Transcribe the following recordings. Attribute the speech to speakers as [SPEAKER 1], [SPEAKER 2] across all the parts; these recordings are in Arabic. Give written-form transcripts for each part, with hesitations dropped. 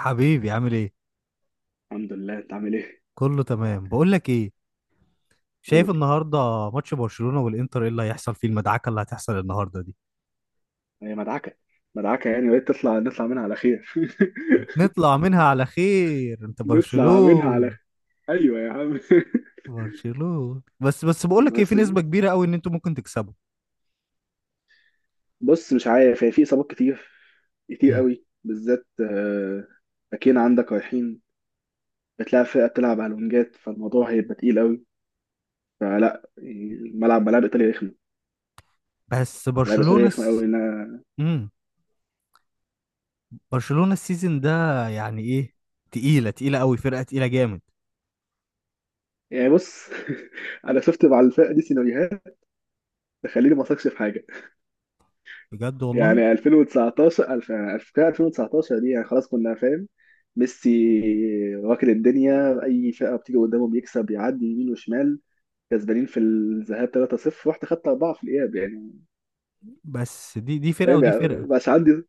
[SPEAKER 1] حبيبي عامل ايه؟
[SPEAKER 2] الحمد لله، انت عامل ايه؟
[SPEAKER 1] كله تمام. بقول لك ايه، شايف
[SPEAKER 2] قول.
[SPEAKER 1] النهارده ماتش برشلونة والانتر، ايه اللي هيحصل فيه؟ المدعكة اللي هتحصل النهارده دي.
[SPEAKER 2] هي مدعكه، يعني بقيت نطلع منها على خير
[SPEAKER 1] هنطلع منها على خير، انت
[SPEAKER 2] نطلع منها على
[SPEAKER 1] برشلونة.
[SPEAKER 2] خير. ايوه يا عم.
[SPEAKER 1] برشلونة، بس بقول لك ايه، في
[SPEAKER 2] بس.
[SPEAKER 1] نسبة كبيرة قوي ان انتوا ممكن تكسبوا.
[SPEAKER 2] بص، مش عارف، هي في اصابات كتير كتير
[SPEAKER 1] مم.
[SPEAKER 2] قوي بالذات، آه، باكين عندك رايحين. بتلاقي فرقه بتلعب على الونجات فالموضوع هيبقى تقيل قوي. فلا يعني الملعب، ملاعب ايطاليا رخمه،
[SPEAKER 1] بس
[SPEAKER 2] ملاعب
[SPEAKER 1] برشلونة
[SPEAKER 2] ايطاليا رخمه
[SPEAKER 1] الس...
[SPEAKER 2] قوي انا.
[SPEAKER 1] مم. برشلونة السيزون ده يعني ايه، تقيلة تقيلة قوي، فرقة تقيلة جامد.
[SPEAKER 2] يعني بص، انا شفت مع الفرقه دي سيناريوهات تخليني ما اثقش في حاجه.
[SPEAKER 1] بجد والله.
[SPEAKER 2] يعني 2019 2019 دي يعني خلاص، كنا فاهم ميسي واكل الدنيا، اي فئه بتيجي قدامه بيكسب، يعدي يمين وشمال. كسبانين في الذهاب 3-0، رحت خدت 4 في الاياب يعني.
[SPEAKER 1] بس دي دي فرقة
[SPEAKER 2] فاهم
[SPEAKER 1] ودي
[SPEAKER 2] يعني،
[SPEAKER 1] فرقة.
[SPEAKER 2] مش عندي،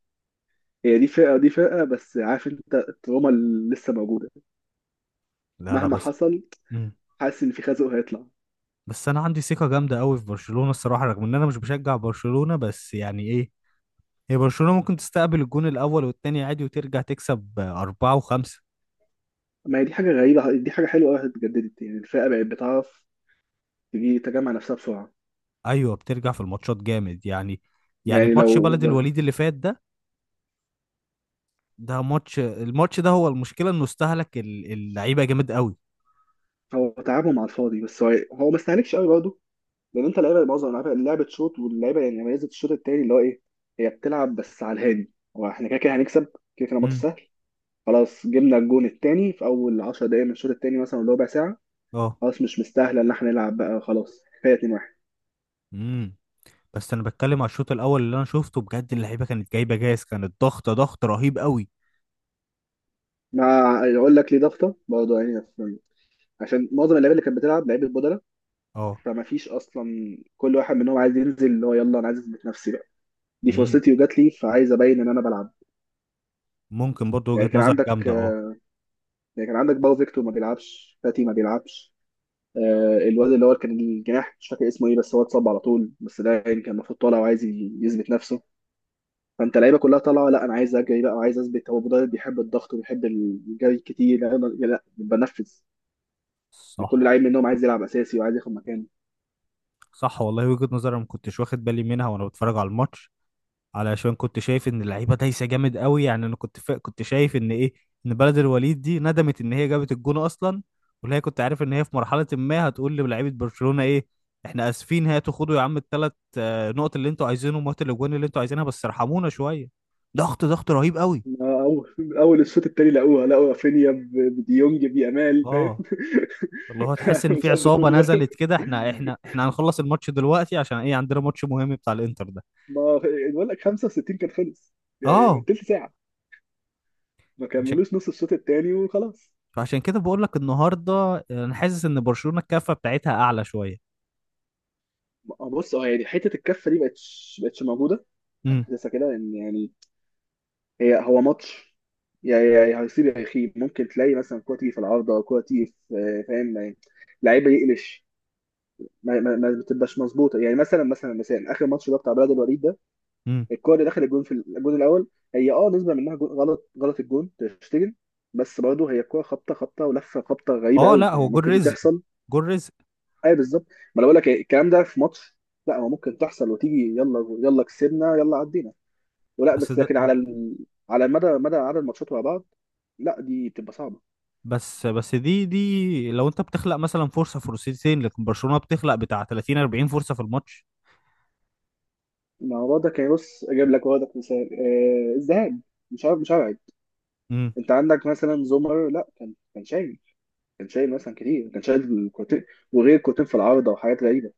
[SPEAKER 2] هي دي فئه ودي فئه، بس عارف انت التروما اللي لسه موجوده
[SPEAKER 1] لا، لا،
[SPEAKER 2] مهما
[SPEAKER 1] بس.
[SPEAKER 2] حصل.
[SPEAKER 1] مم.
[SPEAKER 2] حاسس ان في خازوق هيطلع.
[SPEAKER 1] بس انا عندي ثقه جامده قوي في برشلونه الصراحه، رغم ان انا مش بشجع برشلونه، بس يعني ايه، هي برشلونه ممكن تستقبل الجون الاول والتاني عادي وترجع تكسب اربعه وخمسه.
[SPEAKER 2] ما هي دي حاجه غريبه، دي حاجه حلوه قوي، اتجددت، يعني الفئه بقت بتعرف تجي تجمع نفسها بسرعه.
[SPEAKER 1] ايوه، بترجع في الماتشات جامد يعني. يعني
[SPEAKER 2] يعني
[SPEAKER 1] ماتش
[SPEAKER 2] لو،
[SPEAKER 1] بلد الوليد اللي فات ده، ده ماتش، الماتش ده هو المشكله انه استهلك اللعيبه جامد قوي.
[SPEAKER 2] هو تعبهم على الفاضي بس هو ما استهلكش قوي برضه. لان انت لعيبه، معظم اللعيبه لعبه شوط، واللعيبه يعني ميزه الشوط التاني اللي هو ايه، هي بتلعب بس على الهادي. هو احنا كده كده هنكسب، كده كده ماتش
[SPEAKER 1] امم.
[SPEAKER 2] سهل. خلاص جبنا الجون التاني في اول 10 دقايق من الشوط التاني مثلا، ولا ربع ساعه،
[SPEAKER 1] اه.
[SPEAKER 2] خلاص مش مستاهله ان احنا نلعب بقى، خلاص كفايه 2-1.
[SPEAKER 1] امم. بس انا بتكلم على الشوط الاول اللي انا شفته بجد، اللعيبه كانت جايبه جاز، كانت ضغط رهيب قوي.
[SPEAKER 2] مع يقول لك ليه ضغطه برضه يعني عشان معظم اللعيبه اللي كانت بتلعب لعيبه بدله.
[SPEAKER 1] اه.
[SPEAKER 2] فما فيش اصلا، كل واحد منهم عايز ينزل، اللي هو يلا انا عايز اثبت نفسي بقى، دي
[SPEAKER 1] امم.
[SPEAKER 2] فرصتي وجات لي، فعايز ابين ان انا بلعب.
[SPEAKER 1] ممكن برضو
[SPEAKER 2] يعني
[SPEAKER 1] وجهه
[SPEAKER 2] كان
[SPEAKER 1] نظر
[SPEAKER 2] عندك،
[SPEAKER 1] جامده، اه.
[SPEAKER 2] يعني كان عندك باو، فيكتور ما بيلعبش، فاتي ما بيلعبش، آه، الواد اللي هو كان الجناح مش فاكر اسمه ايه، بس هو اتصاب على طول، بس ده يعني كان المفروض طالع وعايز يثبت نفسه. فانت اللعيبه كلها طالعه، لا انا عايز اجري بقى وعايز اثبت، هو مدرب بيحب الضغط وبيحب الجري كتير، لا لا لا، بنفذ. يعني كل
[SPEAKER 1] صح.
[SPEAKER 2] لعيب منهم عايز يلعب اساسي وعايز ياخد مكانه.
[SPEAKER 1] صح والله، وجهة نظر انا ما كنتش واخد بالي منها وانا بتفرج على الماتش، علشان كنت شايف ان اللعيبه دايسه جامد قوي يعني. انا كنت كنت شايف ان ايه، ان بلد الوليد دي ندمت ان هي جابت الجون اصلا، واللي هي كنت عارف ان هي في مرحله ما هتقول للاعيبه برشلونه ايه، احنا اسفين، هاتوا خدوا يا عم الثلاث نقط اللي انتوا عايزينهم وهاتوا الاجوان اللي انتوا عايزينها، بس ارحمونا شويه. ضغط ضغط رهيب قوي.
[SPEAKER 2] ما اول الشوط التاني لقوها، لقوا رافينيا بديونج بيامال، فاهم،
[SPEAKER 1] اه. اللي هو تحس ان
[SPEAKER 2] مش
[SPEAKER 1] في
[SPEAKER 2] قد
[SPEAKER 1] عصابه
[SPEAKER 2] كل ده.
[SPEAKER 1] نزلت كده، احنا هنخلص الماتش دلوقتي، عشان ايه؟ عندنا ماتش مهم بتاع الانتر ده.
[SPEAKER 2] ما بقول لك 65 كان خلص، يعني
[SPEAKER 1] اه.
[SPEAKER 2] تلت ساعه، ما
[SPEAKER 1] عشان،
[SPEAKER 2] كملوش نص الشوط التاني وخلاص.
[SPEAKER 1] فعشان كده بقول لك النهارده انا حاسس ان برشلونة الكفة بتاعتها اعلى شوية.
[SPEAKER 2] آه، بص اه، يعني حته الكفه دي بقتش موجوده.
[SPEAKER 1] امم.
[SPEAKER 2] حاسسها كده ان يعني، هي هو ماتش، يا هيصيب يا يخيب، ممكن تلاقي مثلا كوره تيجي في العارضه، كوره تيجي في، آه، فاهم يعني، لعيبه يقلش، ما بتبقاش مظبوطه، يعني مثلا اخر ماتش ده بتاع بلد الوليد ده،
[SPEAKER 1] امم.
[SPEAKER 2] الكوره اللي دخل الجون في الجون الاول، هي اه نسبه منها جون، غلط غلط الجون، تشتجن، بس برضه هي الكوره خبطه خبطه ولفه خبطه غريبه
[SPEAKER 1] اه. لا،
[SPEAKER 2] قوي،
[SPEAKER 1] هو
[SPEAKER 2] يعني
[SPEAKER 1] جول
[SPEAKER 2] ممكن دي
[SPEAKER 1] رزق،
[SPEAKER 2] تحصل.
[SPEAKER 1] جول رزق.
[SPEAKER 2] اي بالظبط. ما انا بقول لك، إيه، الكلام ده في ماتش، لا هو ممكن تحصل وتيجي يلا يلا كسبنا يلا عدينا، ولا
[SPEAKER 1] بس
[SPEAKER 2] بس
[SPEAKER 1] ده
[SPEAKER 2] لكن على على مدى عدد الماتشات ورا بعض، لا دي بتبقى صعبه.
[SPEAKER 1] بس دي لو انت بتخلق مثلا فرصة فرصتين، لكن برشلونة بتخلق بتاع 30 40 فرصة في الماتش.
[SPEAKER 2] ما هو ده كان بص اجيب لك وردك مثال، آه، الذهاب، مش عارف مش هبعد،
[SPEAKER 1] امم.
[SPEAKER 2] انت عندك مثلا زومر، لا كان شايل، كان شايل مثلا كتير، كان شايل كورتين، وغير كورتين في العارضه وحاجات غريبه،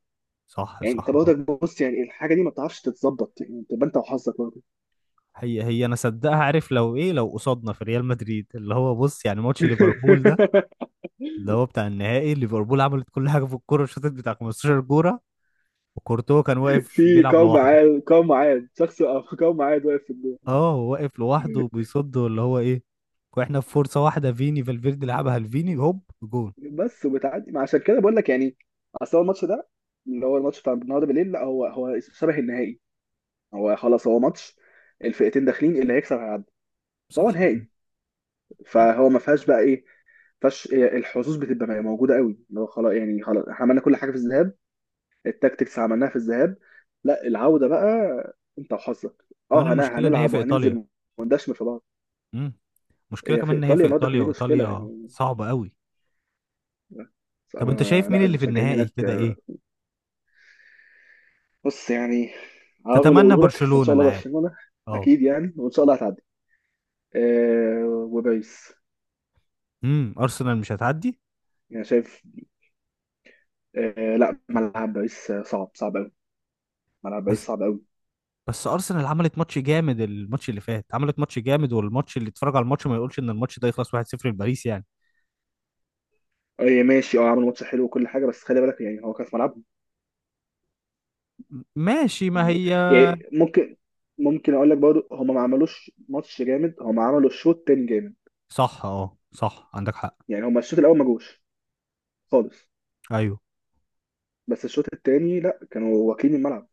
[SPEAKER 1] صح.
[SPEAKER 2] يعني انت
[SPEAKER 1] صح. اه.
[SPEAKER 2] برضك، بص يعني الحاجه دي ما بتعرفش تتظبط، يعني تبقى انت وحظك برضه.
[SPEAKER 1] هي انا صدقها، عارف لو ايه، لو قصادنا في ريال مدريد، اللي هو بص يعني ماتش ليفربول ده، اللي هو بتاع النهائي، ليفربول عملت كل حاجة في الكورة، شاطت بتاع 15 كورة، وكورتوا كان واقف
[SPEAKER 2] في
[SPEAKER 1] بيلعب
[SPEAKER 2] قوم
[SPEAKER 1] لوحده.
[SPEAKER 2] عاد، شخص قوم عاد واقف في الجول.
[SPEAKER 1] اه، هو واقف لوحده وبيصد اللي هو ايه، واحنا في فرصه واحده، فيني فالفيردي لعبها لفيني هوب جون.
[SPEAKER 2] بس وبتعدي، ما عشان كده بقول لك يعني، اصل هو الماتش ده، اللي هو الماتش بتاع النهارده بالليل، لا هو شبه النهائي، هو خلاص، هو ماتش الفئتين داخلين اللي هيكسب هيعدي، فهو
[SPEAKER 1] صح.
[SPEAKER 2] نهائي، فهو ما فيهاش بقى ايه، فش، الحظوظ بتبقى موجوده قوي، اللي هو خلاص يعني، خلاص احنا عملنا كل حاجه في الذهاب، التاكتكس عملناها في الذهاب، لا العوده بقى انت وحظك.
[SPEAKER 1] كمان
[SPEAKER 2] اه
[SPEAKER 1] المشكله ان هي
[SPEAKER 2] هنلعب
[SPEAKER 1] في ايطاليا.
[SPEAKER 2] وهننزل وندشمل في بعض.
[SPEAKER 1] امم. المشكله
[SPEAKER 2] هي في
[SPEAKER 1] كمان ان هي
[SPEAKER 2] ايطاليا
[SPEAKER 1] في
[SPEAKER 2] النهارده
[SPEAKER 1] ايطاليا،
[SPEAKER 2] كان دي مشكله
[SPEAKER 1] وايطاليا
[SPEAKER 2] يعني.
[SPEAKER 1] صعبه قوي.
[SPEAKER 2] بس
[SPEAKER 1] طب انت شايف مين
[SPEAKER 2] لا
[SPEAKER 1] اللي في
[SPEAKER 2] المشجعين
[SPEAKER 1] النهائي
[SPEAKER 2] هناك
[SPEAKER 1] كده،
[SPEAKER 2] آه،
[SPEAKER 1] ايه؟
[SPEAKER 2] بص يعني هقول، لو
[SPEAKER 1] تتمنى
[SPEAKER 2] اقوله لك، بس ان
[SPEAKER 1] برشلونه
[SPEAKER 2] شاء
[SPEAKER 1] انا
[SPEAKER 2] الله
[SPEAKER 1] عارف.
[SPEAKER 2] برشلونه،
[SPEAKER 1] اه.
[SPEAKER 2] اكيد يعني، وان شاء الله هتعدي. أه، وباريس
[SPEAKER 1] امم. ارسنال مش هتعدي.
[SPEAKER 2] يعني شايف، أه لا، ملعب باريس آه، صعب صعب قوي، ملعب باريس
[SPEAKER 1] بس،
[SPEAKER 2] صعب قوي.
[SPEAKER 1] بس ارسنال عملت ماتش جامد، الماتش اللي فات عملت ماتش جامد، والماتش اللي اتفرج على الماتش ما يقولش ان الماتش ده يخلص 1-0 لباريس يعني.
[SPEAKER 2] أه ماشي اه، عملوا ماتش حلو وكل حاجه، بس خلي بالك يعني هو كان في ملعبهم،
[SPEAKER 1] ماشي، ما
[SPEAKER 2] يعني,
[SPEAKER 1] هي.
[SPEAKER 2] يعني ممكن، ممكن اقول لك برضه هم ما عملوش ماتش جامد، هم عملوا شوط تاني جامد،
[SPEAKER 1] صح، اه صح عندك حق.
[SPEAKER 2] يعني هم الشوط الاول ما جوش خالص،
[SPEAKER 1] ايوه.
[SPEAKER 2] بس الشوط التاني لا كانوا واكلين الملعب.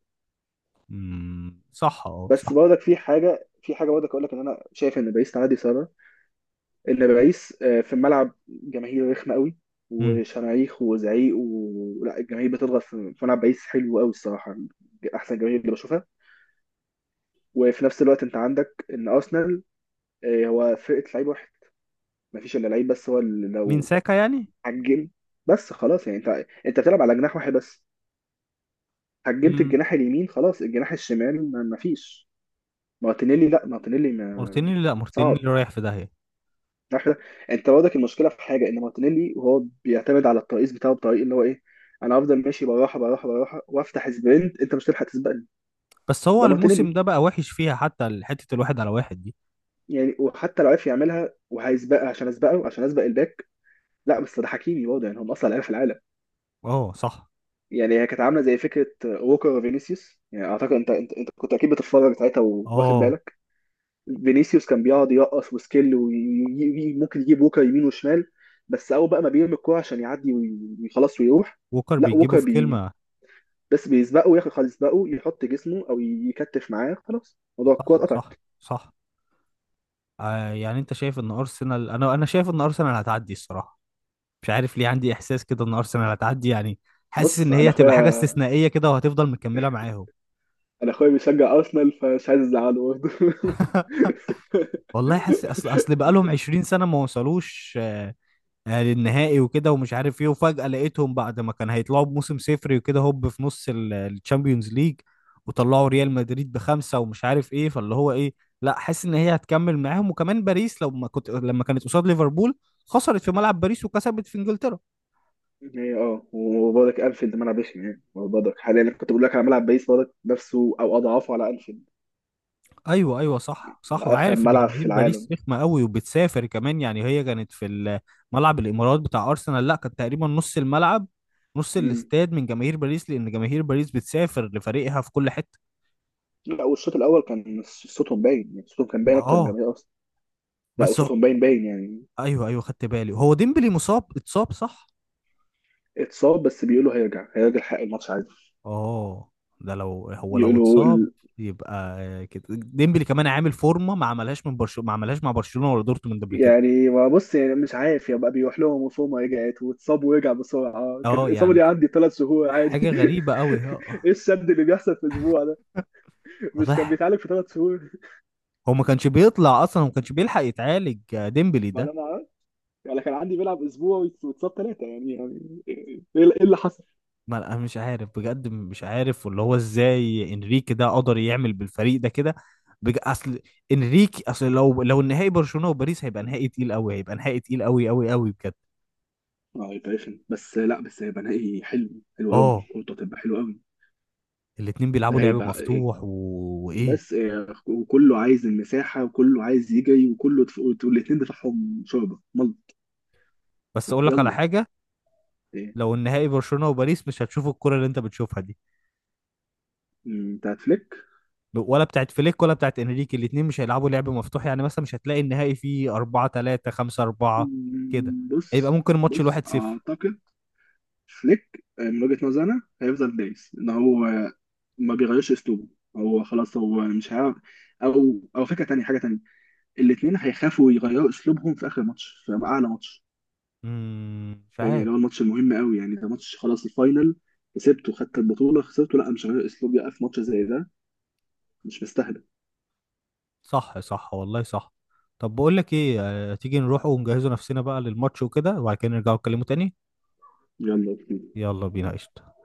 [SPEAKER 1] امم. صح، اه
[SPEAKER 2] بس
[SPEAKER 1] صح.
[SPEAKER 2] برضك في حاجه، في حاجه برضك اقول لك ان انا شايف ان باريس تعدي. سبب ان باريس آه، في الملعب جماهير رخمه قوي،
[SPEAKER 1] امم.
[SPEAKER 2] وشماريخ وزعيق لا، الجماهير بتضغط، في ملعب باريس حلو قوي الصراحه، احسن جماهير اللي بشوفها. وفي نفس الوقت انت عندك ان ارسنال آه، هو فرقه لعيب واحد، ما فيش الا لعيب بس هو اللي
[SPEAKER 1] مين،
[SPEAKER 2] لو
[SPEAKER 1] ساكا يعني؟
[SPEAKER 2] هجم، بس خلاص يعني انت بتلعب على جناح واحد بس، هجمت
[SPEAKER 1] امم.
[SPEAKER 2] الجناح اليمين خلاص، الجناح الشمال ما فيش. مارتينيلي، لا مارتينيلي ما...
[SPEAKER 1] مارتينيلي لا
[SPEAKER 2] صعب،
[SPEAKER 1] مارتينيلي رايح في داهية.
[SPEAKER 2] عارف ده؟ انت برضك المشكله في حاجه ان مارتينيلي، وهو بيعتمد على الترقيص بتاعه بطريق اللي هو ايه، انا افضل ماشي بالراحه بالراحه بالراحه وافتح سبرنت، انت مش هتلحق تسبقني،
[SPEAKER 1] بس هو
[SPEAKER 2] ده
[SPEAKER 1] الموسم
[SPEAKER 2] مارتينيلي.
[SPEAKER 1] ده بقى وحش فيها، حتى حتة الواحد على واحد دي.
[SPEAKER 2] يعني وحتى لو عرف يعملها وهيسبقها، عشان اسبقه، عشان اسبق الباك، لا بس ده حكيمي برضه، يعني هم اصلا لعيبه في العالم.
[SPEAKER 1] اه صح،
[SPEAKER 2] يعني هي كانت عامله زي فكره ووكر وفينيسيوس، يعني اعتقد انت كنت اكيد بتتفرج ساعتها، واخد
[SPEAKER 1] اه.
[SPEAKER 2] بالك. فينيسيوس كان بيقعد يرقص وسكيل، وممكن يجيب ووكر يمين وشمال، بس اول بقى ما بيرمي الكوره عشان يعدي وخلاص ويروح.
[SPEAKER 1] ووكر
[SPEAKER 2] لا
[SPEAKER 1] بيجيبه
[SPEAKER 2] ووكر
[SPEAKER 1] في كلمة.
[SPEAKER 2] بس بيسبقه ياخد خالص، يسبقه يحط جسمه او يكتف معاه، خلاص موضوع الكوره
[SPEAKER 1] صح
[SPEAKER 2] اتقطعت.
[SPEAKER 1] صح. صح. يعني انت شايف ان ارسنال، انا شايف ان ارسنال هتعدي الصراحة، مش عارف ليه عندي احساس كده ان ارسنال هتعدي يعني. حاسس
[SPEAKER 2] بص
[SPEAKER 1] ان هي
[SPEAKER 2] انا
[SPEAKER 1] هتبقى حاجة
[SPEAKER 2] اخويا،
[SPEAKER 1] استثنائية كده، وهتفضل مكملة معاهم.
[SPEAKER 2] انا اخويا بيشجع ارسنال، فمش عايز ازعله برضه
[SPEAKER 1] والله حاسس، اصل بقالهم 20 سنة ما وصلوش للنهائي وكده ومش عارف ايه، وفجأة لقيتهم بعد ما كان هيطلعوا بموسم صفري وكده، هوب في نص الشامبيونز ليج، وطلعوا ريال مدريد بخمسة ومش عارف ايه، فاللي هو ايه، لا، حاسس ان هي هتكمل معاهم. وكمان باريس لما كانت قصاد ليفربول، خسرت في ملعب باريس وكسبت في انجلترا.
[SPEAKER 2] هي اه، وبرضك انفيلد ملعب رخم، يعني برضك حاليا كنت بقول لك على ملعب بيس، برضك نفسه او اضعافه على انفيلد،
[SPEAKER 1] ايوه ايوه، صح صح،
[SPEAKER 2] واخم
[SPEAKER 1] وعارف ان
[SPEAKER 2] ملعب في
[SPEAKER 1] جماهير باريس
[SPEAKER 2] العالم.
[SPEAKER 1] رخمه قوي وبتسافر كمان، يعني هي كانت في ملعب الامارات بتاع ارسنال، لا كانت تقريبا نص الملعب، نص
[SPEAKER 2] مم.
[SPEAKER 1] الاستاد من جماهير باريس، لان جماهير باريس بتسافر لفريقها في كل حته.
[SPEAKER 2] لا والشوط الاول كان صوتهم باين، يعني صوتهم كان
[SPEAKER 1] ما
[SPEAKER 2] باين اكتر من
[SPEAKER 1] اه.
[SPEAKER 2] جماهير ارسنال، لا
[SPEAKER 1] بس هو...
[SPEAKER 2] وصوتهم باين باين يعني.
[SPEAKER 1] ايوه ايوه، خدت بالي، هو ديمبلي مصاب، اتصاب صح.
[SPEAKER 2] اتصاب، بس بيقولوا هيرجع هيرجع حق الماتش عادي،
[SPEAKER 1] اه، ده لو هو لو
[SPEAKER 2] بيقولوا.
[SPEAKER 1] اتصاب يبقى كده ديمبلي كمان عامل فورمه، ما عملهاش من برشلونه، ما عملهاش مع برشلونه ولا دورتموند قبل كده.
[SPEAKER 2] يعني ما بص يعني مش عارف، يبقى بيروح لهم وفوما رجعت واتصاب ورجع بسرعه، كان
[SPEAKER 1] اه،
[SPEAKER 2] الاصابه
[SPEAKER 1] يعني
[SPEAKER 2] دي عندي ثلاث شهور
[SPEAKER 1] حاجه
[SPEAKER 2] عادي
[SPEAKER 1] غريبه قوي.
[SPEAKER 2] ايه الشد اللي بيحصل في اسبوع ده؟ مش كان
[SPEAKER 1] واضح
[SPEAKER 2] بيتعالج في ثلاث شهور؟
[SPEAKER 1] هو ما كانش بيطلع اصلا وما كانش بيلحق يتعالج ديمبلي
[SPEAKER 2] ما
[SPEAKER 1] ده.
[SPEAKER 2] انا ما أعرف. يعني كان عندي بيلعب اسبوع واتصاب ثلاثه، يعني يعني ايه، إيه اللي حصل؟
[SPEAKER 1] ما انا مش عارف بجد، مش عارف، واللي هو ازاي انريكي ده قدر يعمل بالفريق ده كده. اصل انريكي، اصل لو النهائي برشلونه وباريس هيبقى نهائي تقيل قوي، هيبقى نهائي تقيل قوي قوي قوي بجد.
[SPEAKER 2] اه هيبقى رخم، بس لا بس هيبقى نهائي حلو، حلو قوي،
[SPEAKER 1] اه.
[SPEAKER 2] كورته هتبقى حلو قوي.
[SPEAKER 1] الاتنين بيلعبوا
[SPEAKER 2] ده
[SPEAKER 1] لعب
[SPEAKER 2] هيبقى إيه،
[SPEAKER 1] مفتوح وايه.
[SPEAKER 2] بس إيه، وكله عايز المساحه وكله عايز يجري وكله، والاثنين دفاعهم شوربه ملط.
[SPEAKER 1] بس اقول لك على
[SPEAKER 2] يلا،
[SPEAKER 1] حاجه،
[SPEAKER 2] إيه،
[SPEAKER 1] لو النهائي برشلونه وباريس مش هتشوف الكره اللي انت بتشوفها دي،
[SPEAKER 2] انت هتفلك.
[SPEAKER 1] ولا بتاعت فليك ولا بتاعت انريكي، الاتنين مش هيلعبوا لعب مفتوح، يعني مثلا مش هتلاقي النهائي فيه 4-3 5-4 كده،
[SPEAKER 2] مم،
[SPEAKER 1] هيبقى
[SPEAKER 2] بص،
[SPEAKER 1] ممكن ماتش
[SPEAKER 2] بص
[SPEAKER 1] الواحد صفر.
[SPEAKER 2] اعتقد فليك آه، من وجهة نظري انا هيفضل دايس ان هو آه، ما بيغيرش اسلوبه، هو خلاص هو مش هيعرف او فكره تانية، حاجه تانية، الاثنين هيخافوا يغيروا اسلوبهم في اخر ماتش، في اعلى ماتش،
[SPEAKER 1] امم. مش
[SPEAKER 2] فاهم
[SPEAKER 1] عارف.
[SPEAKER 2] يعني، هو الماتش المهم قوي، يعني ده ماتش خلاص الفاينل، كسبته خدت البطوله، خسرته لا، مش هغير اسلوبي بقى في ماتش زي ده، مش مستاهله.
[SPEAKER 1] صح صح والله، صح. طب بقول لك ايه، تيجي نروح ونجهزوا نفسنا بقى للماتش وكده وبعد كده نرجعوا نتكلموا تاني.
[SPEAKER 2] يلا
[SPEAKER 1] يلا بينا، قشطة.